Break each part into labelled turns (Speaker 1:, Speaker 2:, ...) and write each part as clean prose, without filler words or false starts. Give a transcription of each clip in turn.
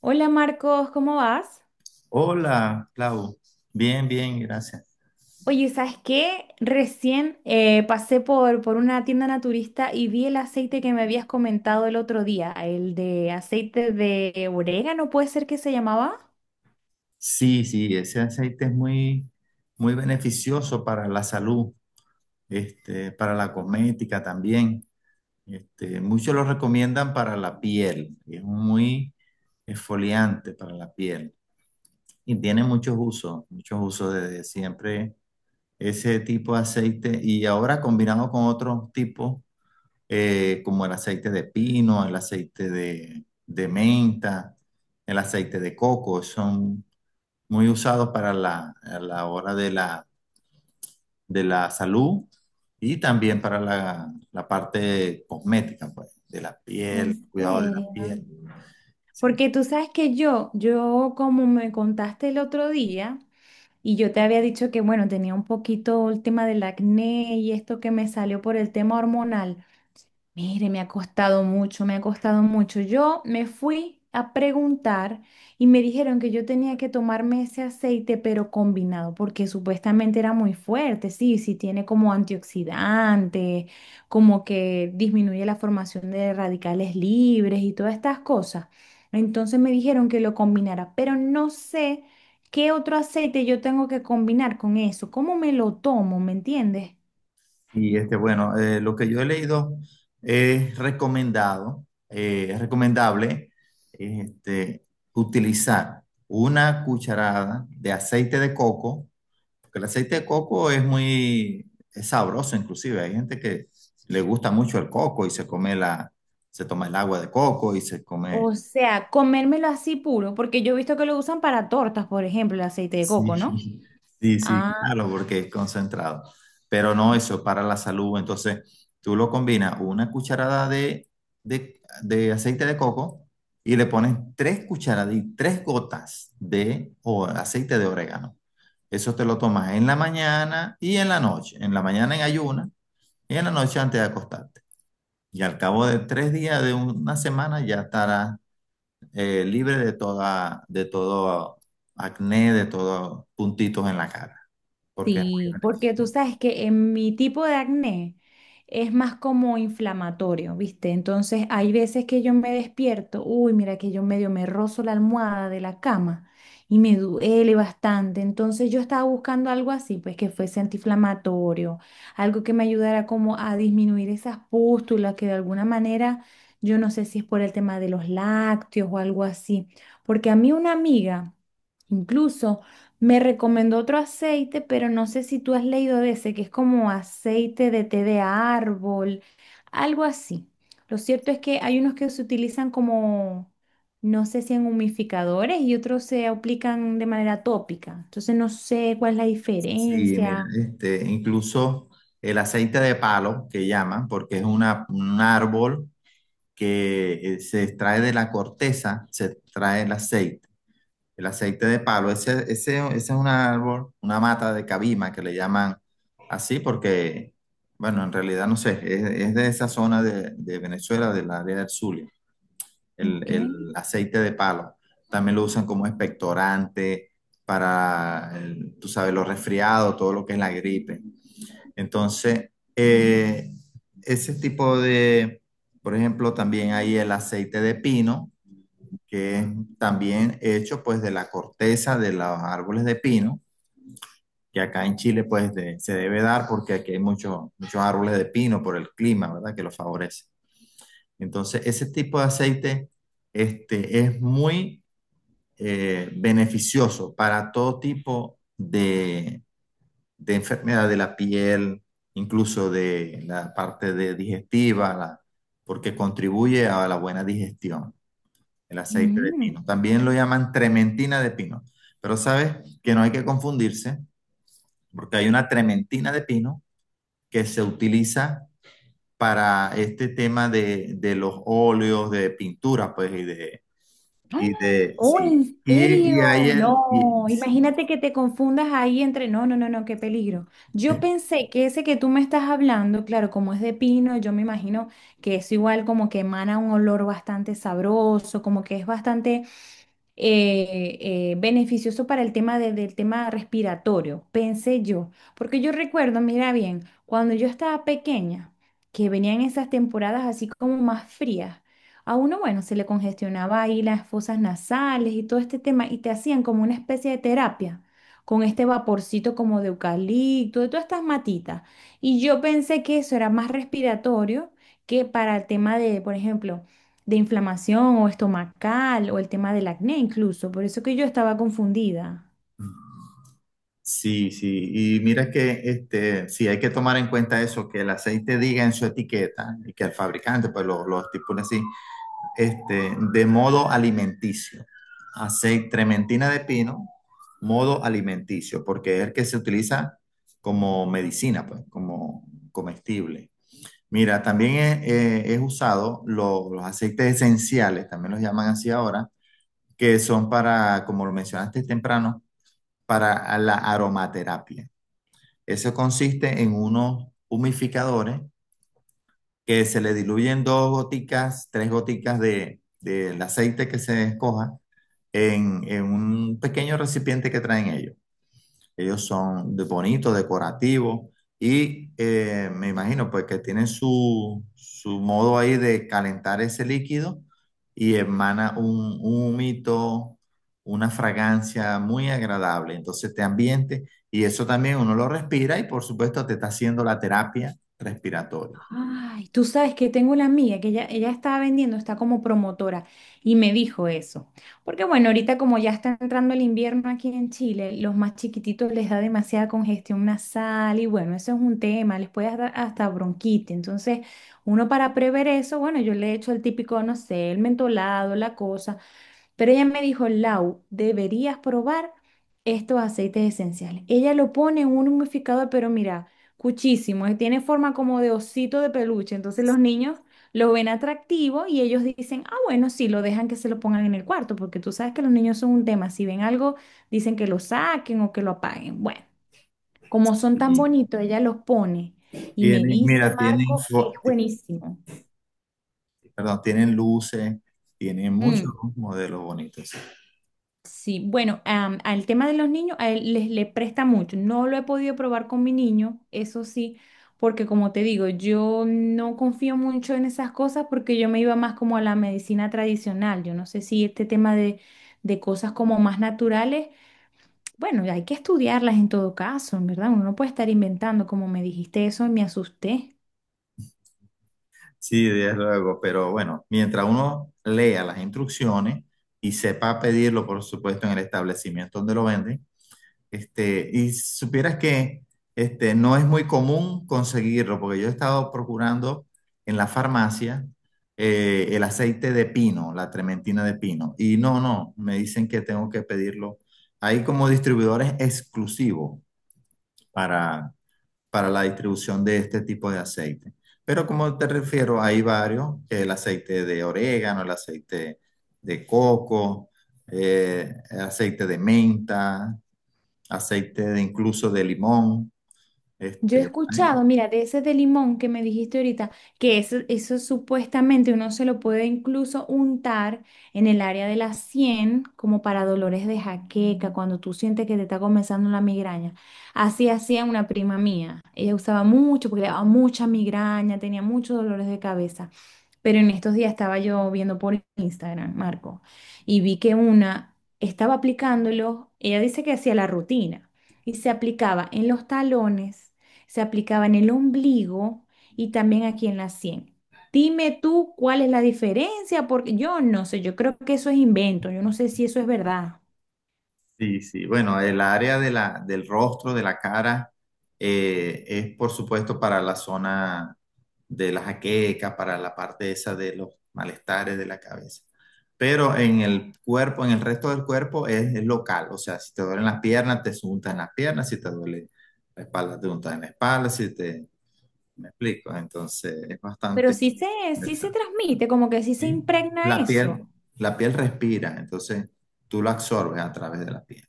Speaker 1: Hola Marcos, ¿cómo vas?
Speaker 2: Hola, Clau. Bien, bien, gracias.
Speaker 1: Oye, ¿sabes qué? Recién pasé por una tienda naturista y vi el aceite que me habías comentado el otro día, el de aceite de orégano, ¿puede ser que se llamaba?
Speaker 2: Sí, sí, ese aceite es muy, muy beneficioso para la salud, para la cosmética también. Muchos lo recomiendan para la piel. Es muy exfoliante para la piel y tiene muchos usos desde siempre ese tipo de aceite y ahora combinado con otros tipos. Como el aceite de pino, el aceite de menta, el aceite de coco, son muy usados a la hora de la salud y también para la parte cosmética, pues, de la
Speaker 1: ¿En
Speaker 2: piel, cuidado de la
Speaker 1: serio?
Speaker 2: piel. Sí.
Speaker 1: Porque tú sabes que yo como me contaste el otro día y yo te había dicho que, bueno, tenía un poquito el tema del acné y esto que me salió por el tema hormonal. Mire, me ha costado mucho, me ha costado mucho. Yo me fui a preguntar y me dijeron que yo tenía que tomarme ese aceite, pero combinado, porque supuestamente era muy fuerte. Sí, sí, tiene como antioxidante, como que disminuye la formación de radicales libres y todas estas cosas. Entonces me dijeron que lo combinara, pero no sé qué otro aceite yo tengo que combinar con eso. ¿Cómo me lo tomo? ¿Me entiendes?
Speaker 2: Y bueno, lo que yo he leído es recomendado, es recomendable, este, utilizar una cucharada de aceite de coco. Porque el aceite de coco es sabroso inclusive. Hay gente que le gusta mucho el coco y se toma el agua de coco y se come.
Speaker 1: O sea, comérmelo así puro, porque yo he visto que lo usan para tortas, por ejemplo, el aceite de coco, ¿no?
Speaker 2: Sí, sí, sí, claro,
Speaker 1: Ah.
Speaker 2: porque es concentrado. Pero no eso, para la salud. Entonces, tú lo combinas una cucharada de aceite de coco y le pones tres cucharadas y tres gotas de aceite de orégano. Eso te lo tomas en la mañana y en la noche. En la mañana en ayuna. Y en la noche antes de acostarte. Y al cabo de tres días, de una semana, ya estarás libre de todo acné, de todos puntitos en la cara, porque es muy
Speaker 1: Sí, porque tú
Speaker 2: beneficioso.
Speaker 1: sabes que en mi tipo de acné es más como inflamatorio, ¿viste? Entonces hay veces que yo me despierto, uy, mira que yo medio me rozo la almohada de la cama y me duele bastante. Entonces yo estaba buscando algo así, pues que fuese antiinflamatorio, algo que me ayudara como a disminuir esas pústulas que de alguna manera, yo no sé si es por el tema de los lácteos o algo así, porque a mí una amiga, incluso... me recomendó otro aceite, pero no sé si tú has leído de ese, que es como aceite de té de árbol, algo así. Lo cierto es que hay unos que se utilizan como, no sé si en humidificadores y otros se aplican de manera tópica. Entonces no sé cuál es la
Speaker 2: Sí, mira,
Speaker 1: diferencia.
Speaker 2: incluso el aceite de palo, que llaman, porque es un árbol que se extrae de la corteza, se extrae el aceite. El aceite de palo, ese es un árbol, una mata de cabima que le llaman así porque, bueno, en realidad no sé, es de esa zona de Venezuela, del área del Zulia, el,
Speaker 1: Ok.
Speaker 2: el aceite de palo. También lo usan como expectorante para, tú sabes, los resfriados, todo lo que es la gripe. Entonces, ese tipo de, por ejemplo, también hay el aceite de pino que es también hecho pues de la corteza de los árboles de pino, que acá en Chile pues se debe dar porque aquí hay muchos muchos árboles de pino por el clima, ¿verdad? Que lo favorece. Entonces, ese tipo de aceite es muy beneficioso para todo tipo de enfermedad de la piel, incluso de la parte de digestiva, porque contribuye a la buena digestión. El aceite de
Speaker 1: Mm.
Speaker 2: pino. También lo llaman trementina de pino. Pero sabes que no hay que confundirse, porque hay una trementina de pino que se utiliza para este tema de los óleos, de pintura, pues, y de,
Speaker 1: Oh,
Speaker 2: sí.
Speaker 1: ¿en
Speaker 2: Y,
Speaker 1: serio?
Speaker 2: y hay el, y-
Speaker 1: No,
Speaker 2: sí.
Speaker 1: imagínate que te confundas ahí entre, no, no, no, no, qué peligro. Yo
Speaker 2: eh,
Speaker 1: pensé que ese que tú me estás hablando, claro, como es de pino, yo me imagino que es igual como que emana un olor bastante sabroso, como que es bastante eh, beneficioso para el tema del tema respiratorio, pensé yo, porque yo recuerdo, mira bien, cuando yo estaba pequeña, que venían esas temporadas así como más frías, a uno, bueno, se le congestionaba ahí las fosas nasales y todo este tema, y te hacían como una especie de terapia con este vaporcito como de eucalipto, de todas estas matitas. Y yo pensé que eso era más respiratorio que para el tema de, por ejemplo, de inflamación o estomacal o el tema del acné incluso. Por eso que yo estaba confundida.
Speaker 2: Sí, sí, y mira que sí hay que tomar en cuenta eso, que el aceite diga en su etiqueta y que el fabricante pues lo estipule así, de modo alimenticio. Aceite trementina de pino, modo alimenticio, porque es el que se utiliza como medicina, pues, como comestible. Mira, también es usado los aceites esenciales, también los llaman así ahora, que son para, como lo mencionaste temprano, para la aromaterapia. Eso consiste en unos humificadores que se le diluyen dos goticas, tres goticas del aceite que se escoja en un pequeño recipiente que traen ellos. Ellos son de bonitos, decorativos y me imagino pues que tienen su modo ahí de calentar ese líquido y emana un humito, una fragancia muy agradable. Entonces te ambiente y eso también uno lo respira y por supuesto te está haciendo la terapia respiratoria.
Speaker 1: Ay, tú sabes que tengo una amiga que ella estaba vendiendo, está como promotora y me dijo eso. Porque bueno, ahorita como ya está entrando el invierno aquí en Chile, los más chiquititos les da demasiada congestión nasal y bueno, eso es un tema, les puede dar hasta bronquitis. Entonces, uno para prever eso, bueno, yo le he hecho el típico, no sé, el mentolado, la cosa. Pero ella me dijo, Lau, deberías probar estos aceites esenciales. Ella lo pone en un humidificador, pero mira, cuchísimo, tiene forma como de osito de peluche. Entonces los niños lo ven atractivo y ellos dicen, ah, bueno, sí, lo dejan que se lo pongan en el cuarto, porque tú sabes que los niños son un tema. Si ven algo, dicen que lo saquen o que lo apaguen. Bueno, como son tan
Speaker 2: Y
Speaker 1: bonitos, ella los pone y me
Speaker 2: tienen,
Speaker 1: dice,
Speaker 2: mira, tienen,
Speaker 1: Marcos, que es buenísimo.
Speaker 2: perdón, tienen luces, tienen muchos
Speaker 1: Mm.
Speaker 2: modelos bonitos.
Speaker 1: Sí, bueno, al tema de los niños, a él les le presta mucho. No lo he podido probar con mi niño, eso sí, porque como te digo, yo no confío mucho en esas cosas porque yo me iba más como a la medicina tradicional. Yo no sé si este tema de cosas como más naturales, bueno, hay que estudiarlas en todo caso, ¿verdad? Uno no puede estar inventando, como me dijiste eso, me asusté.
Speaker 2: Sí, desde luego, pero bueno, mientras uno lea las instrucciones y sepa pedirlo, por supuesto, en el establecimiento donde lo venden, y supieras que no es muy común conseguirlo, porque yo he estado procurando en la farmacia el aceite de pino, la trementina de pino, y no, no, me dicen que tengo que pedirlo. Hay como distribuidores exclusivos para la distribución de este tipo de aceite. Pero como te refiero, hay varios, el aceite de orégano, el aceite de coco, eh, aceite de menta, aceite de incluso de limón.
Speaker 1: Yo he
Speaker 2: Este,
Speaker 1: escuchado,
Speaker 2: hay,
Speaker 1: mira, de ese de limón que me dijiste ahorita, que eso supuestamente uno se lo puede incluso untar en el área de la sien, como para dolores de jaqueca, cuando tú sientes que te está comenzando la migraña. Así hacía una prima mía. Ella usaba mucho porque le daba mucha migraña, tenía muchos dolores de cabeza. Pero en estos días estaba yo viendo por Instagram, Marco, y vi que una estaba aplicándolo, ella dice que hacía la rutina, y se aplicaba en los talones, se aplicaba en el ombligo y también aquí en la sien. Dime tú cuál es la diferencia, porque yo no sé, yo creo que eso es invento, yo no sé si eso es verdad,
Speaker 2: Sí, sí. Bueno, el área de del rostro, de la cara, es por supuesto para la zona de la jaqueca, para la parte esa de los malestares de la cabeza. Pero en el cuerpo, en el resto del cuerpo es local. O sea, si te duelen las piernas, te untas en las piernas. Si te duele la espalda, te untan en la espalda. Si te. ¿Me explico? Entonces, es
Speaker 1: pero
Speaker 2: bastante
Speaker 1: sí se
Speaker 2: interesante.
Speaker 1: transmite, como que sí se
Speaker 2: ¿Sí?
Speaker 1: impregna
Speaker 2: La
Speaker 1: eso.
Speaker 2: piel, la piel respira, entonces tú lo absorbes a través de la piel.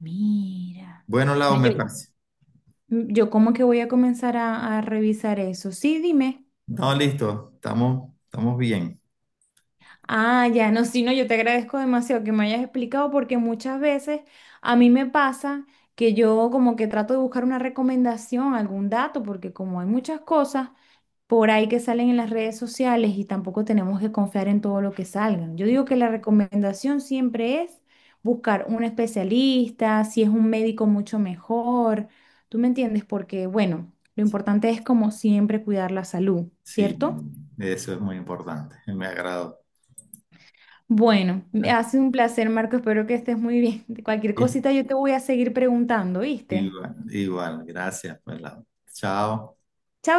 Speaker 1: Mira,
Speaker 2: Bueno,
Speaker 1: no,
Speaker 2: Lau, me parece.
Speaker 1: yo como que voy a comenzar a revisar eso. Sí, dime.
Speaker 2: No, listo, estamos bien.
Speaker 1: Ah, ya, no, sí, no, yo te agradezco demasiado que me hayas explicado porque muchas veces a mí me pasa que yo como que trato de buscar una recomendación, algún dato, porque como hay muchas cosas por ahí que salen en las redes sociales y tampoco tenemos que confiar en todo lo que salgan. Yo digo que la recomendación siempre es buscar un especialista, si es un médico mucho mejor, ¿tú me entiendes? Porque bueno, lo importante es como siempre cuidar la salud,
Speaker 2: Sí,
Speaker 1: ¿cierto?
Speaker 2: eso es muy importante. Me agradó.
Speaker 1: Bueno, me ha sido un placer, Marco. Espero que estés muy bien. Cualquier cosita yo te voy a seguir preguntando, ¿viste?
Speaker 2: Igual, igual, gracias, pues, Lau. Chao.
Speaker 1: Chao.